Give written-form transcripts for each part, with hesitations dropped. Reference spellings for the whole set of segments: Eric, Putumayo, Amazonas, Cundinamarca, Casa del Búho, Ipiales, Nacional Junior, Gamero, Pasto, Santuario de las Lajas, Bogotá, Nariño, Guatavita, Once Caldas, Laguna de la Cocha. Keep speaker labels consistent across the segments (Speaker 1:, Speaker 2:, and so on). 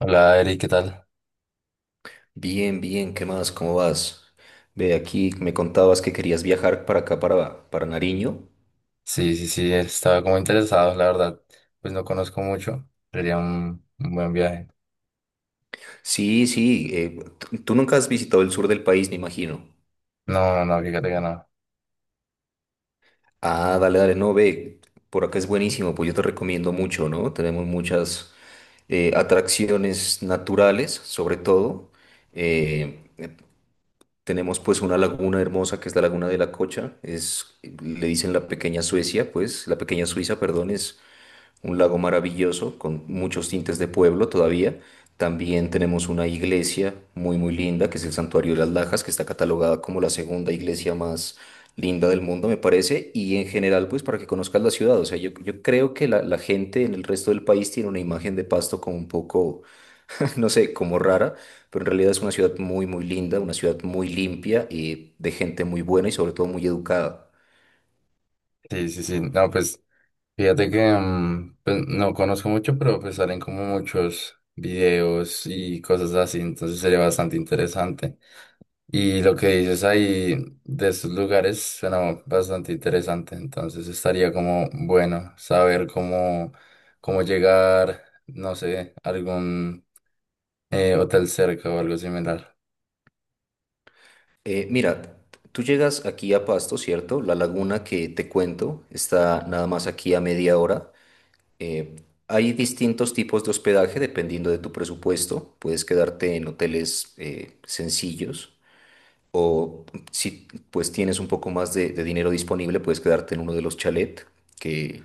Speaker 1: Hola Eri, ¿qué tal?
Speaker 2: Bien, bien, ¿qué más? ¿Cómo vas? Ve, aquí me contabas que querías viajar para acá, para Nariño.
Speaker 1: Sí, sí, sí, estaba como interesado, la verdad. Pues no conozco mucho, sería un buen viaje.
Speaker 2: Sí, sí, tú nunca has visitado el sur del país, me imagino.
Speaker 1: No, no, fíjate que no.
Speaker 2: Ah, dale, dale, no, ve, por acá es buenísimo, pues yo te recomiendo mucho, ¿no? Tenemos muchas atracciones naturales, sobre todo. Eh, tenemos pues una laguna hermosa que es la Laguna de la Cocha, le dicen la pequeña Suecia, pues, la pequeña Suiza, perdón. Es un lago maravilloso con muchos tintes de pueblo todavía. También tenemos una iglesia muy muy linda que es el Santuario de las Lajas, que está catalogada como la segunda iglesia más linda del mundo, me parece. Y en general, pues para que conozcas la ciudad, o sea, yo creo que la gente en el resto del país tiene una imagen de Pasto como un poco, no sé, como rara, pero en realidad es una ciudad muy muy linda, una ciudad muy limpia y de gente muy buena y sobre todo muy educada.
Speaker 1: Sí, sí, sí, no, pues fíjate que pues, no conozco mucho, pero pues salen como muchos videos y cosas así, entonces sería bastante interesante. Y lo que dices ahí de estos lugares suena bastante interesante, entonces estaría como bueno saber cómo llegar, no sé, algún hotel cerca o algo similar.
Speaker 2: Mira, tú llegas aquí a Pasto, ¿cierto? La laguna que te cuento está nada más aquí a media hora. Eh, hay distintos tipos de hospedaje dependiendo de tu presupuesto. Puedes quedarte en hoteles sencillos, o si pues tienes un poco más de, dinero disponible, puedes quedarte en uno de los chalet que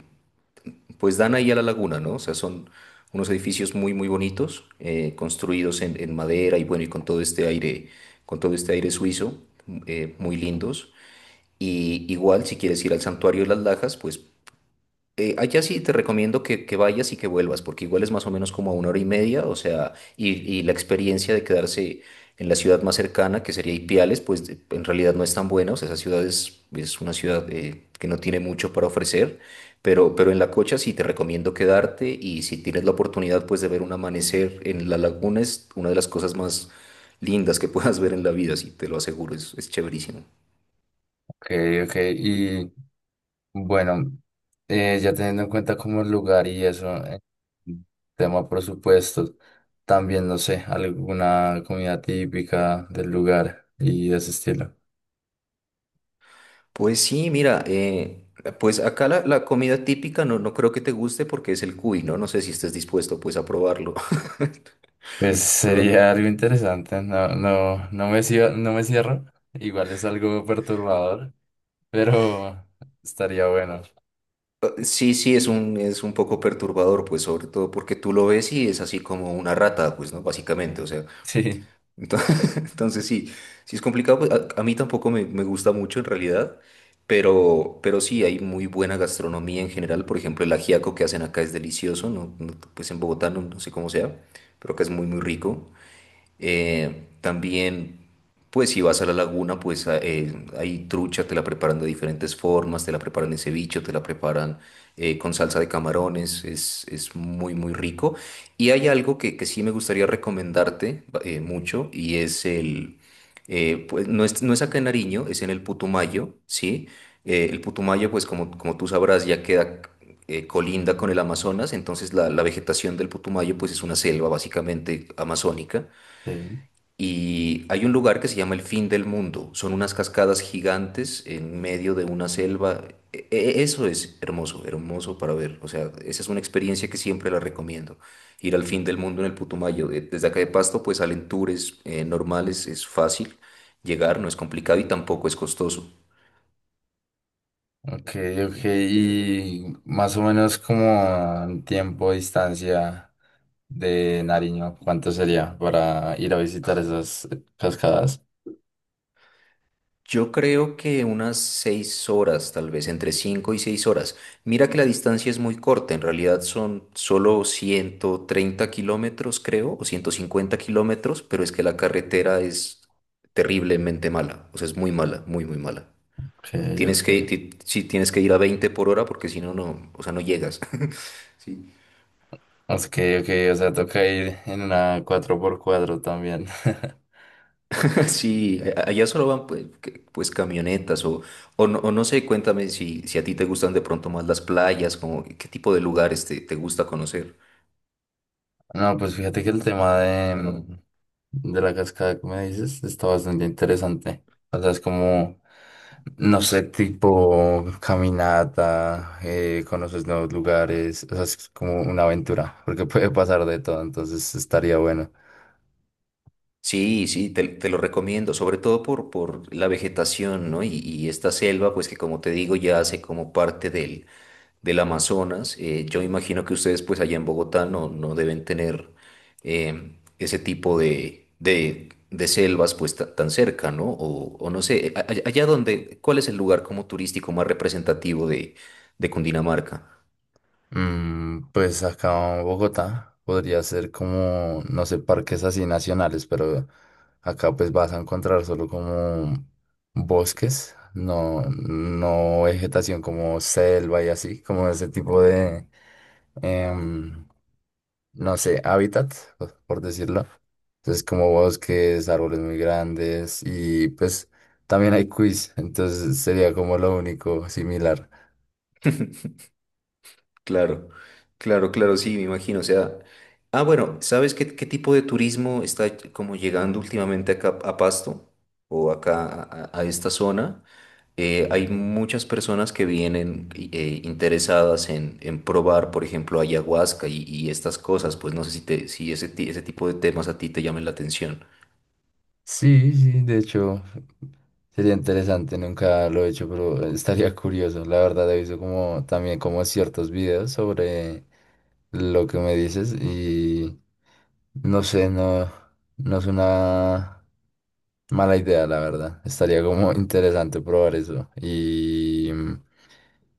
Speaker 2: pues dan ahí a la laguna, ¿no? O sea, son unos edificios muy, muy bonitos, construidos en madera y bueno, y con todo este aire, con todo este aire suizo, muy lindos. Y igual, si quieres ir al Santuario de las Lajas, pues allá sí te recomiendo que vayas y que vuelvas, porque igual es más o menos como a una hora y media, o sea, y la experiencia de quedarse en la ciudad más cercana, que sería Ipiales, pues en realidad no es tan buena. O sea, esa ciudad es una ciudad que no tiene mucho para ofrecer, pero en La Cocha sí te recomiendo quedarte, y si tienes la oportunidad pues de ver un amanecer en la laguna, es una de las cosas más lindas que puedas ver en la vida. Sí, te lo aseguro, es chéverísimo.
Speaker 1: Ok, ok. Y bueno, ya teniendo en cuenta como el lugar y eso, tema presupuesto, también no sé, alguna comida típica del lugar y de ese estilo.
Speaker 2: Pues sí, mira, pues acá la comida típica no, no creo que te guste porque es el cuy, ¿no? No sé si estés dispuesto pues a probarlo.
Speaker 1: Pues
Speaker 2: A probar.
Speaker 1: sería algo interesante, no, no, no me cierro, no me cierro. Igual es algo perturbador, pero estaría bueno.
Speaker 2: Sí, sí, es un poco perturbador, pues sobre todo porque tú lo ves y es así como una rata, pues, ¿no? Básicamente, o sea.
Speaker 1: Sí.
Speaker 2: Entonces, entonces sí, sí es complicado, pues, a mí tampoco me gusta mucho en realidad, pero sí, hay muy buena gastronomía en general. Por ejemplo, el ajiaco que hacen acá es delicioso, ¿no? No, pues en Bogotá no, no sé cómo sea, pero acá es muy, muy rico. También, pues si vas a la laguna, pues hay trucha, te la preparan de diferentes formas, te la preparan en ceviche, te la preparan con salsa de camarones. Es muy, muy rico. Y hay algo que sí me gustaría recomendarte mucho, y es pues no es acá en Nariño, es en el Putumayo, ¿sí? El Putumayo, pues como, como tú sabrás, ya queda, colinda con el Amazonas, entonces la vegetación del Putumayo pues es una selva básicamente amazónica.
Speaker 1: Sí.
Speaker 2: Y hay un lugar que se llama El Fin del Mundo. Son unas cascadas gigantes en medio de una selva. Eso es hermoso, hermoso para ver. O sea, esa es una experiencia que siempre la recomiendo. Ir al fin del mundo en el Putumayo. Desde acá de Pasto, pues salen tours normales, es fácil llegar, no es complicado y tampoco es costoso.
Speaker 1: Ok, ok, y más o menos como en tiempo, distancia de Nariño, ¿cuánto sería para ir a visitar esas cascadas?
Speaker 2: Yo creo que unas 6 horas, tal vez, entre 5 y 6 horas. Mira que la distancia es muy corta, en realidad son solo 130 kilómetros, creo, o 150 kilómetros, pero es que la carretera es terriblemente mala, o sea, es muy mala, muy, muy mala.
Speaker 1: Ok, ok.
Speaker 2: Sí, tienes que ir a 20 por hora porque si no, no, o sea, no llegas. Sí.
Speaker 1: Ok, ok, o sea, toca ir en una 4x4 también.
Speaker 2: Sí, allá solo van, pues, pues, camionetas, no, o no sé, cuéntame si a ti te gustan de pronto más las playas, como qué tipo de lugares te, gusta conocer.
Speaker 1: No, pues fíjate que el tema de la cascada que me dices está bastante interesante. O sea, es como no sé, tipo caminata, conoces nuevos lugares, o sea, es como una aventura, porque puede pasar de todo, entonces estaría bueno.
Speaker 2: Sí, sí, te lo recomiendo, sobre todo por la vegetación, ¿no? Y esta selva, pues que como te digo, ya hace como parte del Amazonas. Yo imagino que ustedes, pues allá en Bogotá, no, no deben tener ese tipo de selvas, pues tan cerca, ¿no? O no sé, allá donde, ¿cuál es el lugar como turístico más representativo de Cundinamarca?
Speaker 1: Mm, pues acá en Bogotá podría ser como, no sé, parques así nacionales, pero acá pues vas a encontrar solo como bosques, no, no vegetación como selva y así, como ese tipo de, em, no sé, hábitat, por decirlo. Entonces, como bosques, árboles muy grandes y pues también hay quiz, entonces sería como lo único similar.
Speaker 2: Claro, claro, claro, sí, me imagino. O sea, ah, bueno, ¿sabes qué, tipo de turismo está como llegando últimamente acá a Pasto o acá a esta zona? Hay muchas personas que vienen interesadas en probar, por ejemplo, ayahuasca y estas cosas. Pues no sé si ese tipo de temas a ti te llamen la atención.
Speaker 1: Sí, sí, de hecho sería interesante, nunca lo he hecho, pero estaría curioso. La verdad he visto como también como ciertos videos sobre lo que me dices y no sé, no, no es una mala idea, la verdad. Estaría como interesante probar eso. Y,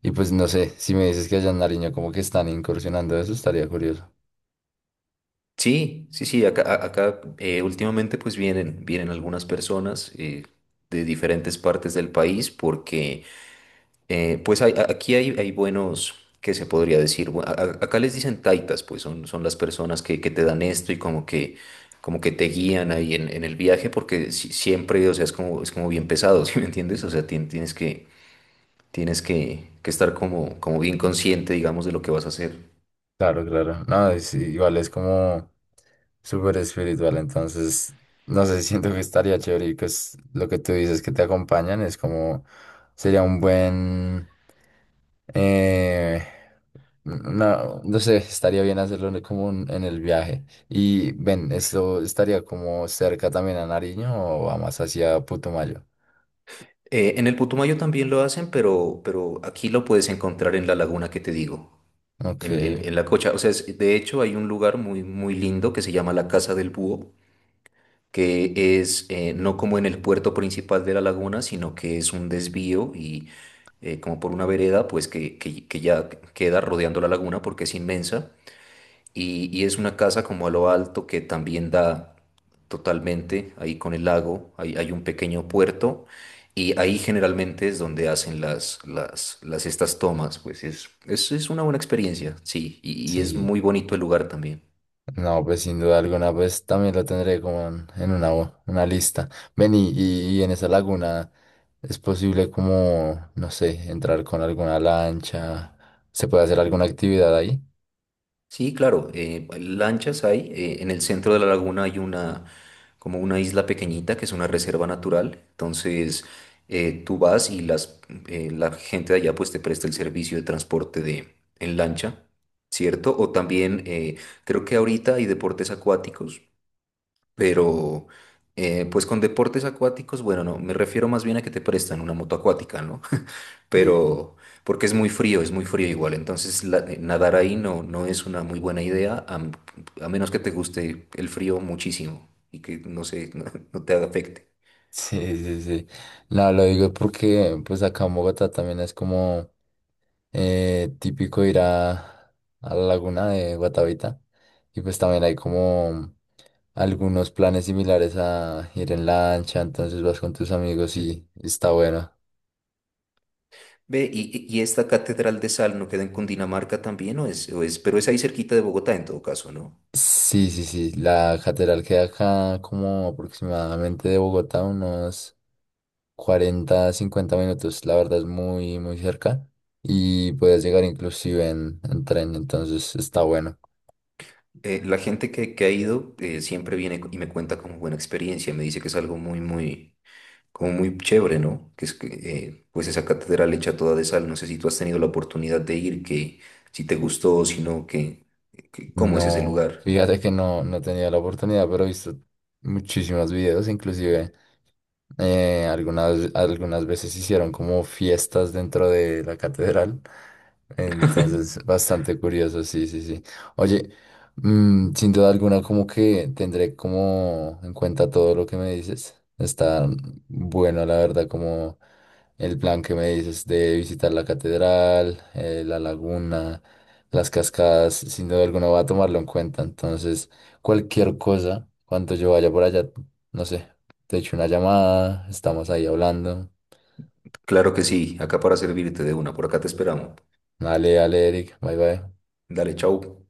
Speaker 1: y pues no sé, si me dices que allá en Nariño como que están incursionando eso, estaría curioso.
Speaker 2: Sí, sí, sí, acá, acá últimamente pues vienen algunas personas de diferentes partes del país, porque aquí hay buenos, que se podría decir? Acá les dicen taitas, pues son las personas que te dan esto y como que, te guían ahí en el viaje, porque siempre, o sea, es como bien pesado, ¿sí me entiendes? O sea, tienes que estar como bien consciente, digamos, de lo que vas a hacer.
Speaker 1: Claro, claro. No, es- igual es como súper espiritual, entonces, no sé, siento que estaría chévere y pues lo que tú dices que te acompañan es como, sería un buen, eh, no, no sé, estaría bien hacerlo en el- como un- en el viaje. Y ven, ¿esto estaría como cerca también a Nariño o va más hacia Putumayo?
Speaker 2: En el Putumayo también lo hacen, pero aquí lo puedes encontrar en la laguna que te digo,
Speaker 1: Ok,
Speaker 2: en, en la Cocha. O sea, de hecho hay un lugar muy, muy lindo que se llama la Casa del Búho, que es no como en el puerto principal de la laguna, sino que es un desvío, y como por una vereda, pues que, que ya queda rodeando la laguna porque es inmensa, y es una casa como a lo alto que también da totalmente ahí con el lago. Hay un pequeño puerto y ahí generalmente es donde hacen las, las estas tomas, pues es una buena experiencia, sí, y es
Speaker 1: sí.
Speaker 2: muy bonito el lugar también.
Speaker 1: No, pues sin duda alguna, pues también lo tendré como en una lista. Ven y en esa laguna es posible como, no sé, entrar con alguna lancha, se puede hacer alguna actividad ahí.
Speaker 2: Sí, claro, lanchas hay. En el centro de la laguna hay una, como una isla pequeñita que es una reserva natural. Entonces, tú vas y la gente de allá pues te presta el servicio de transporte en lancha, ¿cierto? O también creo que ahorita hay deportes acuáticos, pero pues con deportes acuáticos, bueno, no, me refiero más bien a que te prestan una moto acuática, ¿no?
Speaker 1: Sí,
Speaker 2: Pero porque es muy frío igual, entonces nadar ahí no, no es una muy buena idea, a menos que te guste el frío muchísimo y que no sé, no, no te afecte.
Speaker 1: sí, sí, sí. No, lo digo porque pues acá en Bogotá también es como típico ir a la laguna de Guatavita y pues también hay como algunos planes similares a ir en lancha, entonces vas con tus amigos y está bueno.
Speaker 2: Ve, y esta catedral de sal no queda en Cundinamarca también, o es, pero es ahí cerquita de Bogotá en todo caso, ¿no?
Speaker 1: Sí, sí, sí. La catedral queda acá como aproximadamente de Bogotá, unos 40, 50 minutos. La verdad es muy, muy cerca. Y puedes llegar inclusive en tren, entonces está bueno.
Speaker 2: La gente que ha ido siempre viene y me cuenta como buena experiencia, me dice que es algo muy, muy como muy chévere, ¿no? Pues esa catedral hecha toda de sal, no sé si tú has tenido la oportunidad de ir, que si te gustó o si no, que, cómo es ese
Speaker 1: No,
Speaker 2: lugar.
Speaker 1: fíjate que no, no he tenido la oportunidad, pero he visto muchísimos videos, inclusive algunas, algunas veces hicieron como fiestas dentro de la catedral. Entonces, bastante curioso, sí, sí, sí. Oye, mm, sin duda alguna, como que tendré como en cuenta todo lo que me dices. Está bueno, la verdad, como el plan que me dices de visitar la catedral, la laguna. Las cascadas, sin duda alguna, voy a tomarlo en cuenta. Entonces, cualquier cosa, cuando yo vaya por allá, no sé, te echo una llamada, estamos ahí hablando.
Speaker 2: Claro que sí, acá para servirte de una, por acá te esperamos.
Speaker 1: Dale, dale, Eric, bye bye.
Speaker 2: Dale, chau.